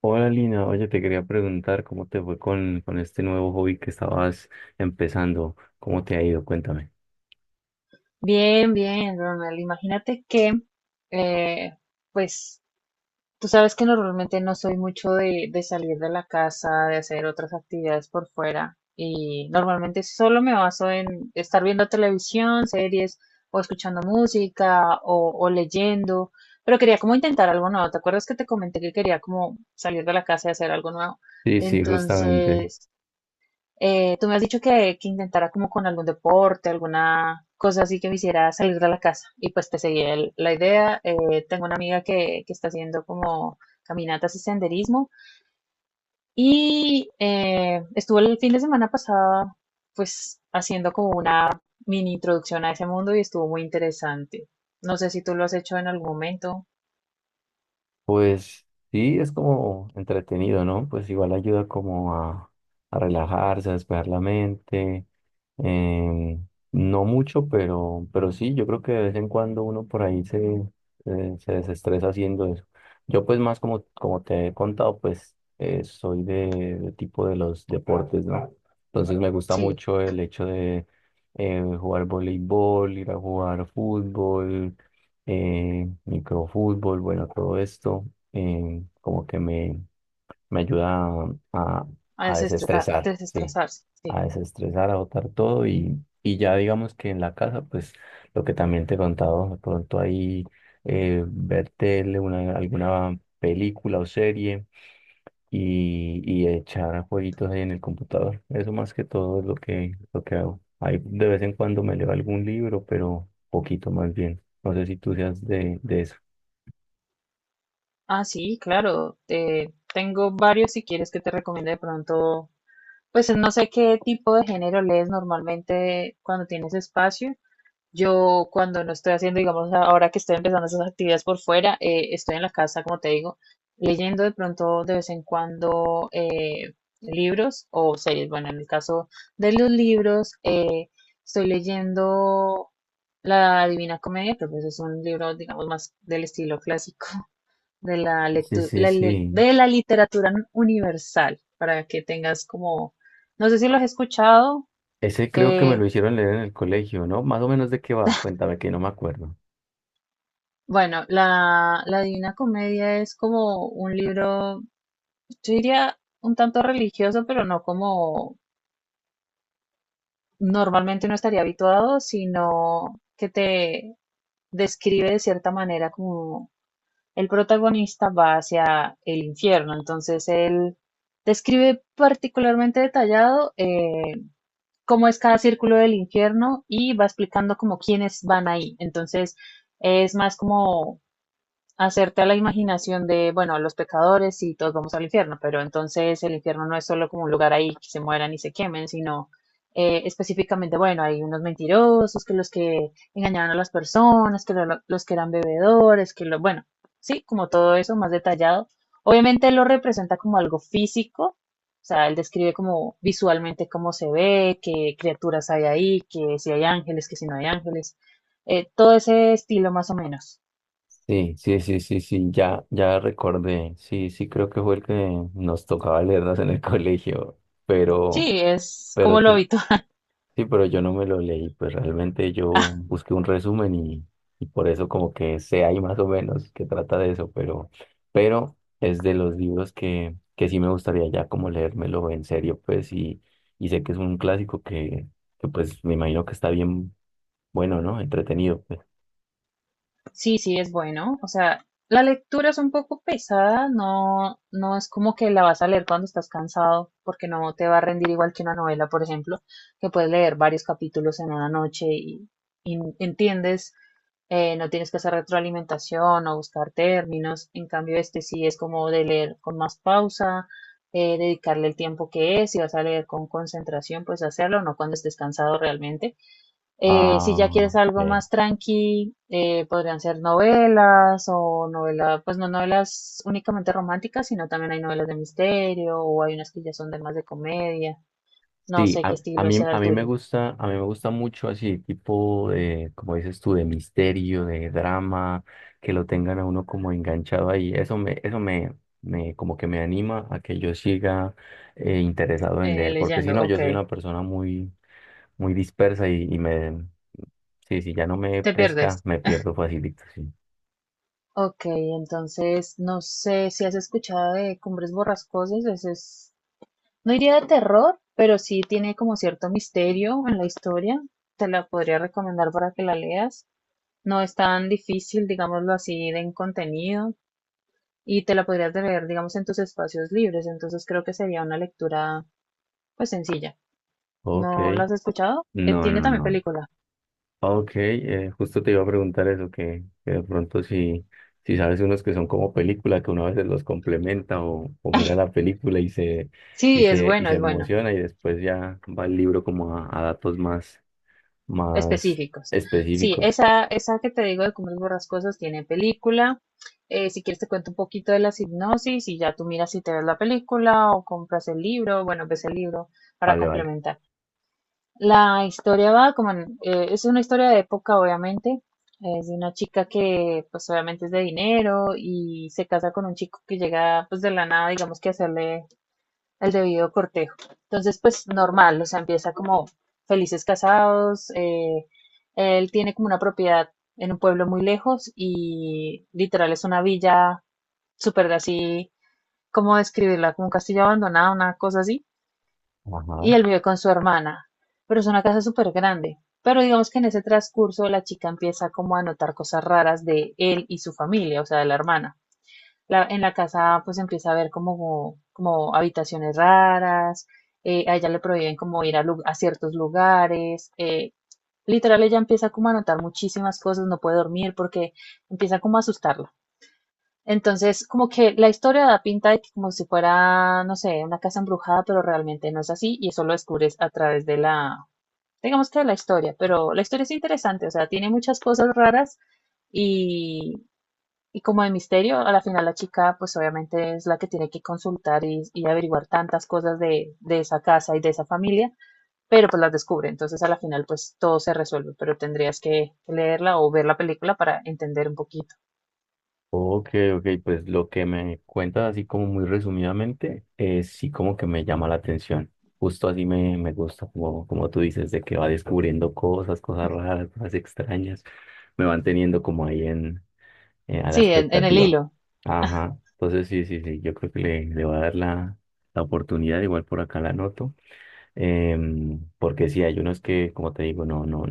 Hola Lina, oye, te quería preguntar cómo te fue con este nuevo hobby que estabas empezando, cómo te ha ido, cuéntame. Bien, bien, Ronald. Imagínate que, eh, pues, tú sabes que normalmente no soy mucho de salir de la casa, de hacer otras actividades por fuera, y normalmente solo me baso en estar viendo televisión, series, o escuchando música, o leyendo, pero quería como intentar algo nuevo. ¿Te acuerdas que te comenté que quería como salir de la casa y hacer algo nuevo? Sí, sí, justamente. Entonces, tú me has dicho que intentara como con algún deporte, alguna cosa así que me hiciera salir de la casa. Y pues te seguí la idea. Tengo una amiga que está haciendo como caminatas y senderismo. Y estuvo el fin de semana pasado pues haciendo como una mini introducción a ese mundo y estuvo muy interesante. No sé si tú lo has hecho en algún momento. Pues sí, es como entretenido, ¿no? Pues igual ayuda como a relajarse, a despejar la mente. em, no mucho, pero sí, yo creo que de vez en cuando uno por ahí se desestresa haciendo eso. Yo pues más como te he contado, pues soy de tipo de los deportes, ¿no? Entonces me gusta Sí, mucho el hecho de jugar voleibol, ir a jugar fútbol, microfútbol, bueno, todo esto, eh, como que me, me ayuda a, a- a a desestresar, sí, desestresarse. Sí. a desestresar, a botar todo y ya digamos que en la casa, pues lo que también te he contado, de pronto ahí, ver tele, una, alguna película o serie y echar jueguitos ahí en el computador. Eso más que todo es lo que hago. Ahí de vez en cuando me leo algún libro, pero poquito más bien. No sé si tú seas de eso. Ah, sí, claro. Tengo varios si quieres que te recomiende de pronto. Pues no sé qué tipo de género lees normalmente cuando tienes espacio. Yo cuando no estoy haciendo, digamos, ahora que estoy empezando esas actividades por fuera, estoy en la casa, como te digo, leyendo de pronto de vez en cuando libros o series. Bueno, en el caso de los libros, estoy leyendo La Divina Comedia, pero pues es un libro, digamos, más del estilo clásico de la Sí, lectu- sí, la li- sí. de la literatura universal, para que tengas como, no sé si lo has escuchado. Ese creo que me eh, lo hicieron leer en el colegio, ¿no? Más o menos de qué va, cuéntame que no me acuerdo. bueno, la Divina Comedia es como un libro, yo diría un tanto religioso, pero no como normalmente uno estaría habituado, sino que te describe de cierta manera como el protagonista va hacia el infierno, entonces él describe particularmente detallado cómo es cada círculo del infierno y va explicando como quiénes van ahí. Entonces es más como hacerte a la imaginación de, bueno, los pecadores y todos vamos al infierno, pero entonces el infierno no es solo como un lugar ahí que se mueran y se quemen, sino específicamente, bueno, hay unos mentirosos, que los que engañaron a las personas, que los que eran bebedores, que lo, bueno, sí, como todo eso más detallado. Obviamente él lo representa como algo físico, o sea, él describe como visualmente cómo se ve, qué criaturas hay ahí, que si hay ángeles, que si no hay ángeles, todo ese estilo más o menos. Sí, sí, sí, sí, sí, ya, ya recordé. Sí, sí, creo que fue el que nos tocaba leernos en el colegio, pero, Sí, es como pero lo habitual. sí, pero yo no me lo leí, pues realmente yo Ah, busqué un resumen y por eso como que sé ahí más o menos que trata de eso, pero es de los libros que sí me gustaría ya como leérmelo en serio, pues, y sé que es un clásico que pues me imagino que está bien bueno, ¿no? Entretenido, pues. sí, sí, es bueno. O sea, la lectura es un poco pesada, no, no es como que la vas a leer cuando estás cansado, porque no te va a rendir igual que una novela, por ejemplo, que puedes leer varios capítulos en una noche y entiendes, no tienes que hacer retroalimentación o buscar términos. En cambio, este sí es como de leer con más pausa, dedicarle el tiempo que es, si vas a leer con concentración, pues hacerlo, no cuando estés cansado realmente. Si Ah, ya quieres algo ok. más tranqui, podrían ser novelas o novelas, pues no novelas únicamente románticas, sino también hay novelas de misterio o hay unas que ya son de más de comedia. No Sí, sé qué estilo sea a el mí me tuyo. gusta, a mí me gusta mucho así, tipo de, como dices tú, de misterio, de drama, que lo tengan a uno como enganchado ahí. Eso me anima a que yo siga, interesado en leer, porque si Leyendo, no, yo ok. soy una persona muy, muy dispersa sí, si ya no me Te pesca, pierdes. me pierdo facilito, sí. Ok, entonces no sé si has escuchado de Cumbres Borrascosas, ese es, no diría de terror, pero sí tiene como cierto misterio en la historia. Te la podría recomendar para que la leas. No es tan difícil, digámoslo así, de en contenido y te la podrías leer, digamos, en tus espacios libres. Entonces creo que sería una lectura, pues, sencilla. Ok. ¿No la has escuchado? No, Tiene no, también no. película. Ok, justo te iba a preguntar eso, que de pronto si, si sabes unos que son como película, que uno a veces los complementa o mira la película Sí, es y bueno, se es bueno. emociona y después ya va el libro como a datos más, más Específicos. Sí, específicos. esa que te digo de Cumbres Borrascosas tiene película. Si quieres te cuento un poquito de la hipnosis y ya tú miras si te ves la película o compras el libro, bueno, ves el libro para Vale, vale. complementar. La historia va como es una historia de época, obviamente. Es de una chica que, pues, obviamente es de dinero y se casa con un chico que llega, pues, de la nada, digamos que a hacerle el debido cortejo. Entonces, pues, normal, o sea, empieza como felices casados. Él tiene como una propiedad en un pueblo muy lejos y literal es una villa súper así, ¿cómo describirla? Como un castillo abandonado, una cosa así Ajá. y él vive con su hermana, pero es una casa súper grande. Pero digamos que en ese transcurso la chica empieza como a notar cosas raras de él y su familia, o sea, de la hermana. En la casa pues empieza a ver como habitaciones raras, a ella le prohíben como ir a, a ciertos lugares, literal ella empieza como a notar muchísimas cosas, no puede dormir porque empieza como a asustarla. Entonces, como que la historia da pinta de que como si fuera, no sé, una casa embrujada, pero realmente no es así y eso lo descubres a través de digamos que de la historia, pero la historia es interesante, o sea, tiene muchas cosas raras y, y como de misterio, a la final la chica pues obviamente es la que tiene que consultar y averiguar tantas cosas de esa casa y de esa familia, pero pues las descubre, entonces a la final pues todo se resuelve, pero tendrías que leerla o ver la película para entender un poquito. Ok, ok, pues lo que me cuentas así como muy resumidamente, sí como que me llama la atención. Justo así me gusta, como, como tú dices, de que va descubriendo cosas, cosas raras, cosas extrañas. Me van teniendo como ahí en, a la Sí, en el expectativa. hilo. Ajá, entonces sí, sí, sí, yo creo que le voy a dar la oportunidad, igual por acá la anoto. Porque sí, hay unos que, como te digo, no, no,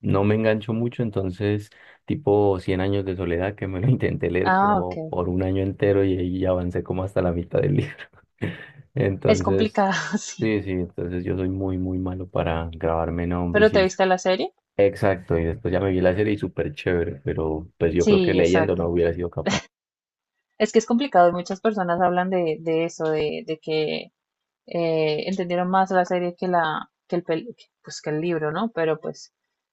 no me engancho mucho, entonces, tipo cien años de soledad, que me lo intenté leer Ah, ok. como por un año entero y ahí avancé como hasta la mitad del libro. Es Entonces, complicado, sí. sí, sí, entonces yo soy muy, muy malo para grabarme nombres ¿Pero y te eso. viste la serie? Exacto, y después ya me vi la serie y súper chévere, pero pues yo creo que Sí, leyendo no exacto. hubiera sido capaz. Es que es complicado y muchas personas hablan de eso, de que entendieron más la serie que la, que el pel- que- pues que el libro, ¿no? Pero pues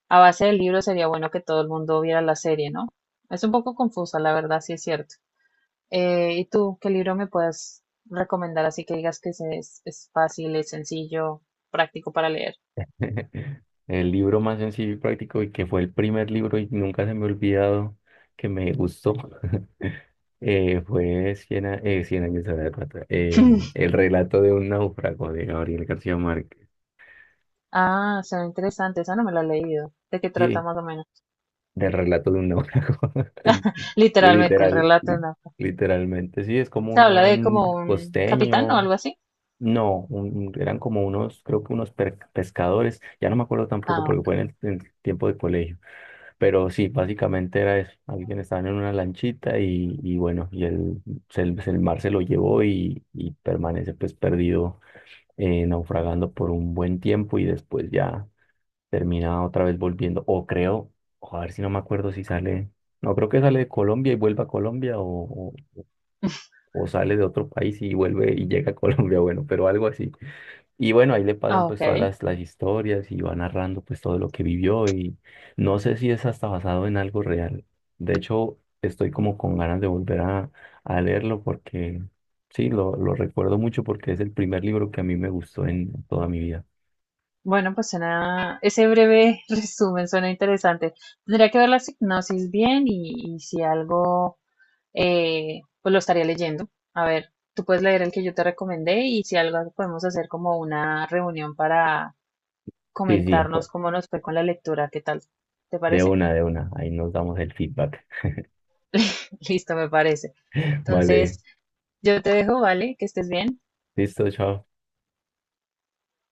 a base del libro sería bueno que todo el mundo viera la serie, ¿no? Es un poco confusa, la verdad, sí es cierto. ¿Y tú qué libro me puedes recomendar así que digas que es fácil, es sencillo, práctico para leer? El libro más sencillo y práctico y que fue el primer libro y nunca se me ha olvidado que me gustó. Fue Cien, a- Cien años de la Eh, el relato de un náufrago de Gabriel García Márquez. Ah, suena interesante, esa no me la he leído. ¿De qué trata Sí, más o menos? del relato de un náufrago. Literalmente, el Literal, relato en África. literalmente. Sí, es como Se un habla de como man un capitán o costeño. algo así. No, eran como unos, creo que pescadores. Ya no me acuerdo tampoco Ah, ok. porque fue en en el tiempo de colegio. Pero sí, básicamente era eso. Alguien estaba en una lanchita y bueno, el mar se lo llevó y permanece pues perdido, naufragando por un buen tiempo y después ya termina otra vez volviendo. O creo, o a ver si no me acuerdo si sale, no creo que sale de Colombia y vuelva a Colombia o, o sale de otro país y vuelve y llega a Colombia, bueno, pero algo así. Y bueno, ahí le pasan Ah, pues todas ok. Las historias y va narrando pues todo lo que vivió y no sé si es hasta basado en algo real. De hecho, estoy como con ganas de volver a leerlo porque... Sí, lo recuerdo mucho porque es el primer libro que a mí me gustó en toda mi vida. Bueno, pues suena, ese breve resumen suena interesante. Tendría que ver la sinopsis bien y si algo, pues lo estaría leyendo. A ver, tú puedes leer el que yo te recomendé y si algo podemos hacer como una reunión para Sí, sí, pues, comentarnos cómo nos fue con la lectura, ¿qué tal? ¿Te de parece? una, de una. Ahí nos damos el feedback. Listo, me parece. Vale, Entonces, yo te dejo, ¿vale? Que estés bien. listo, chao.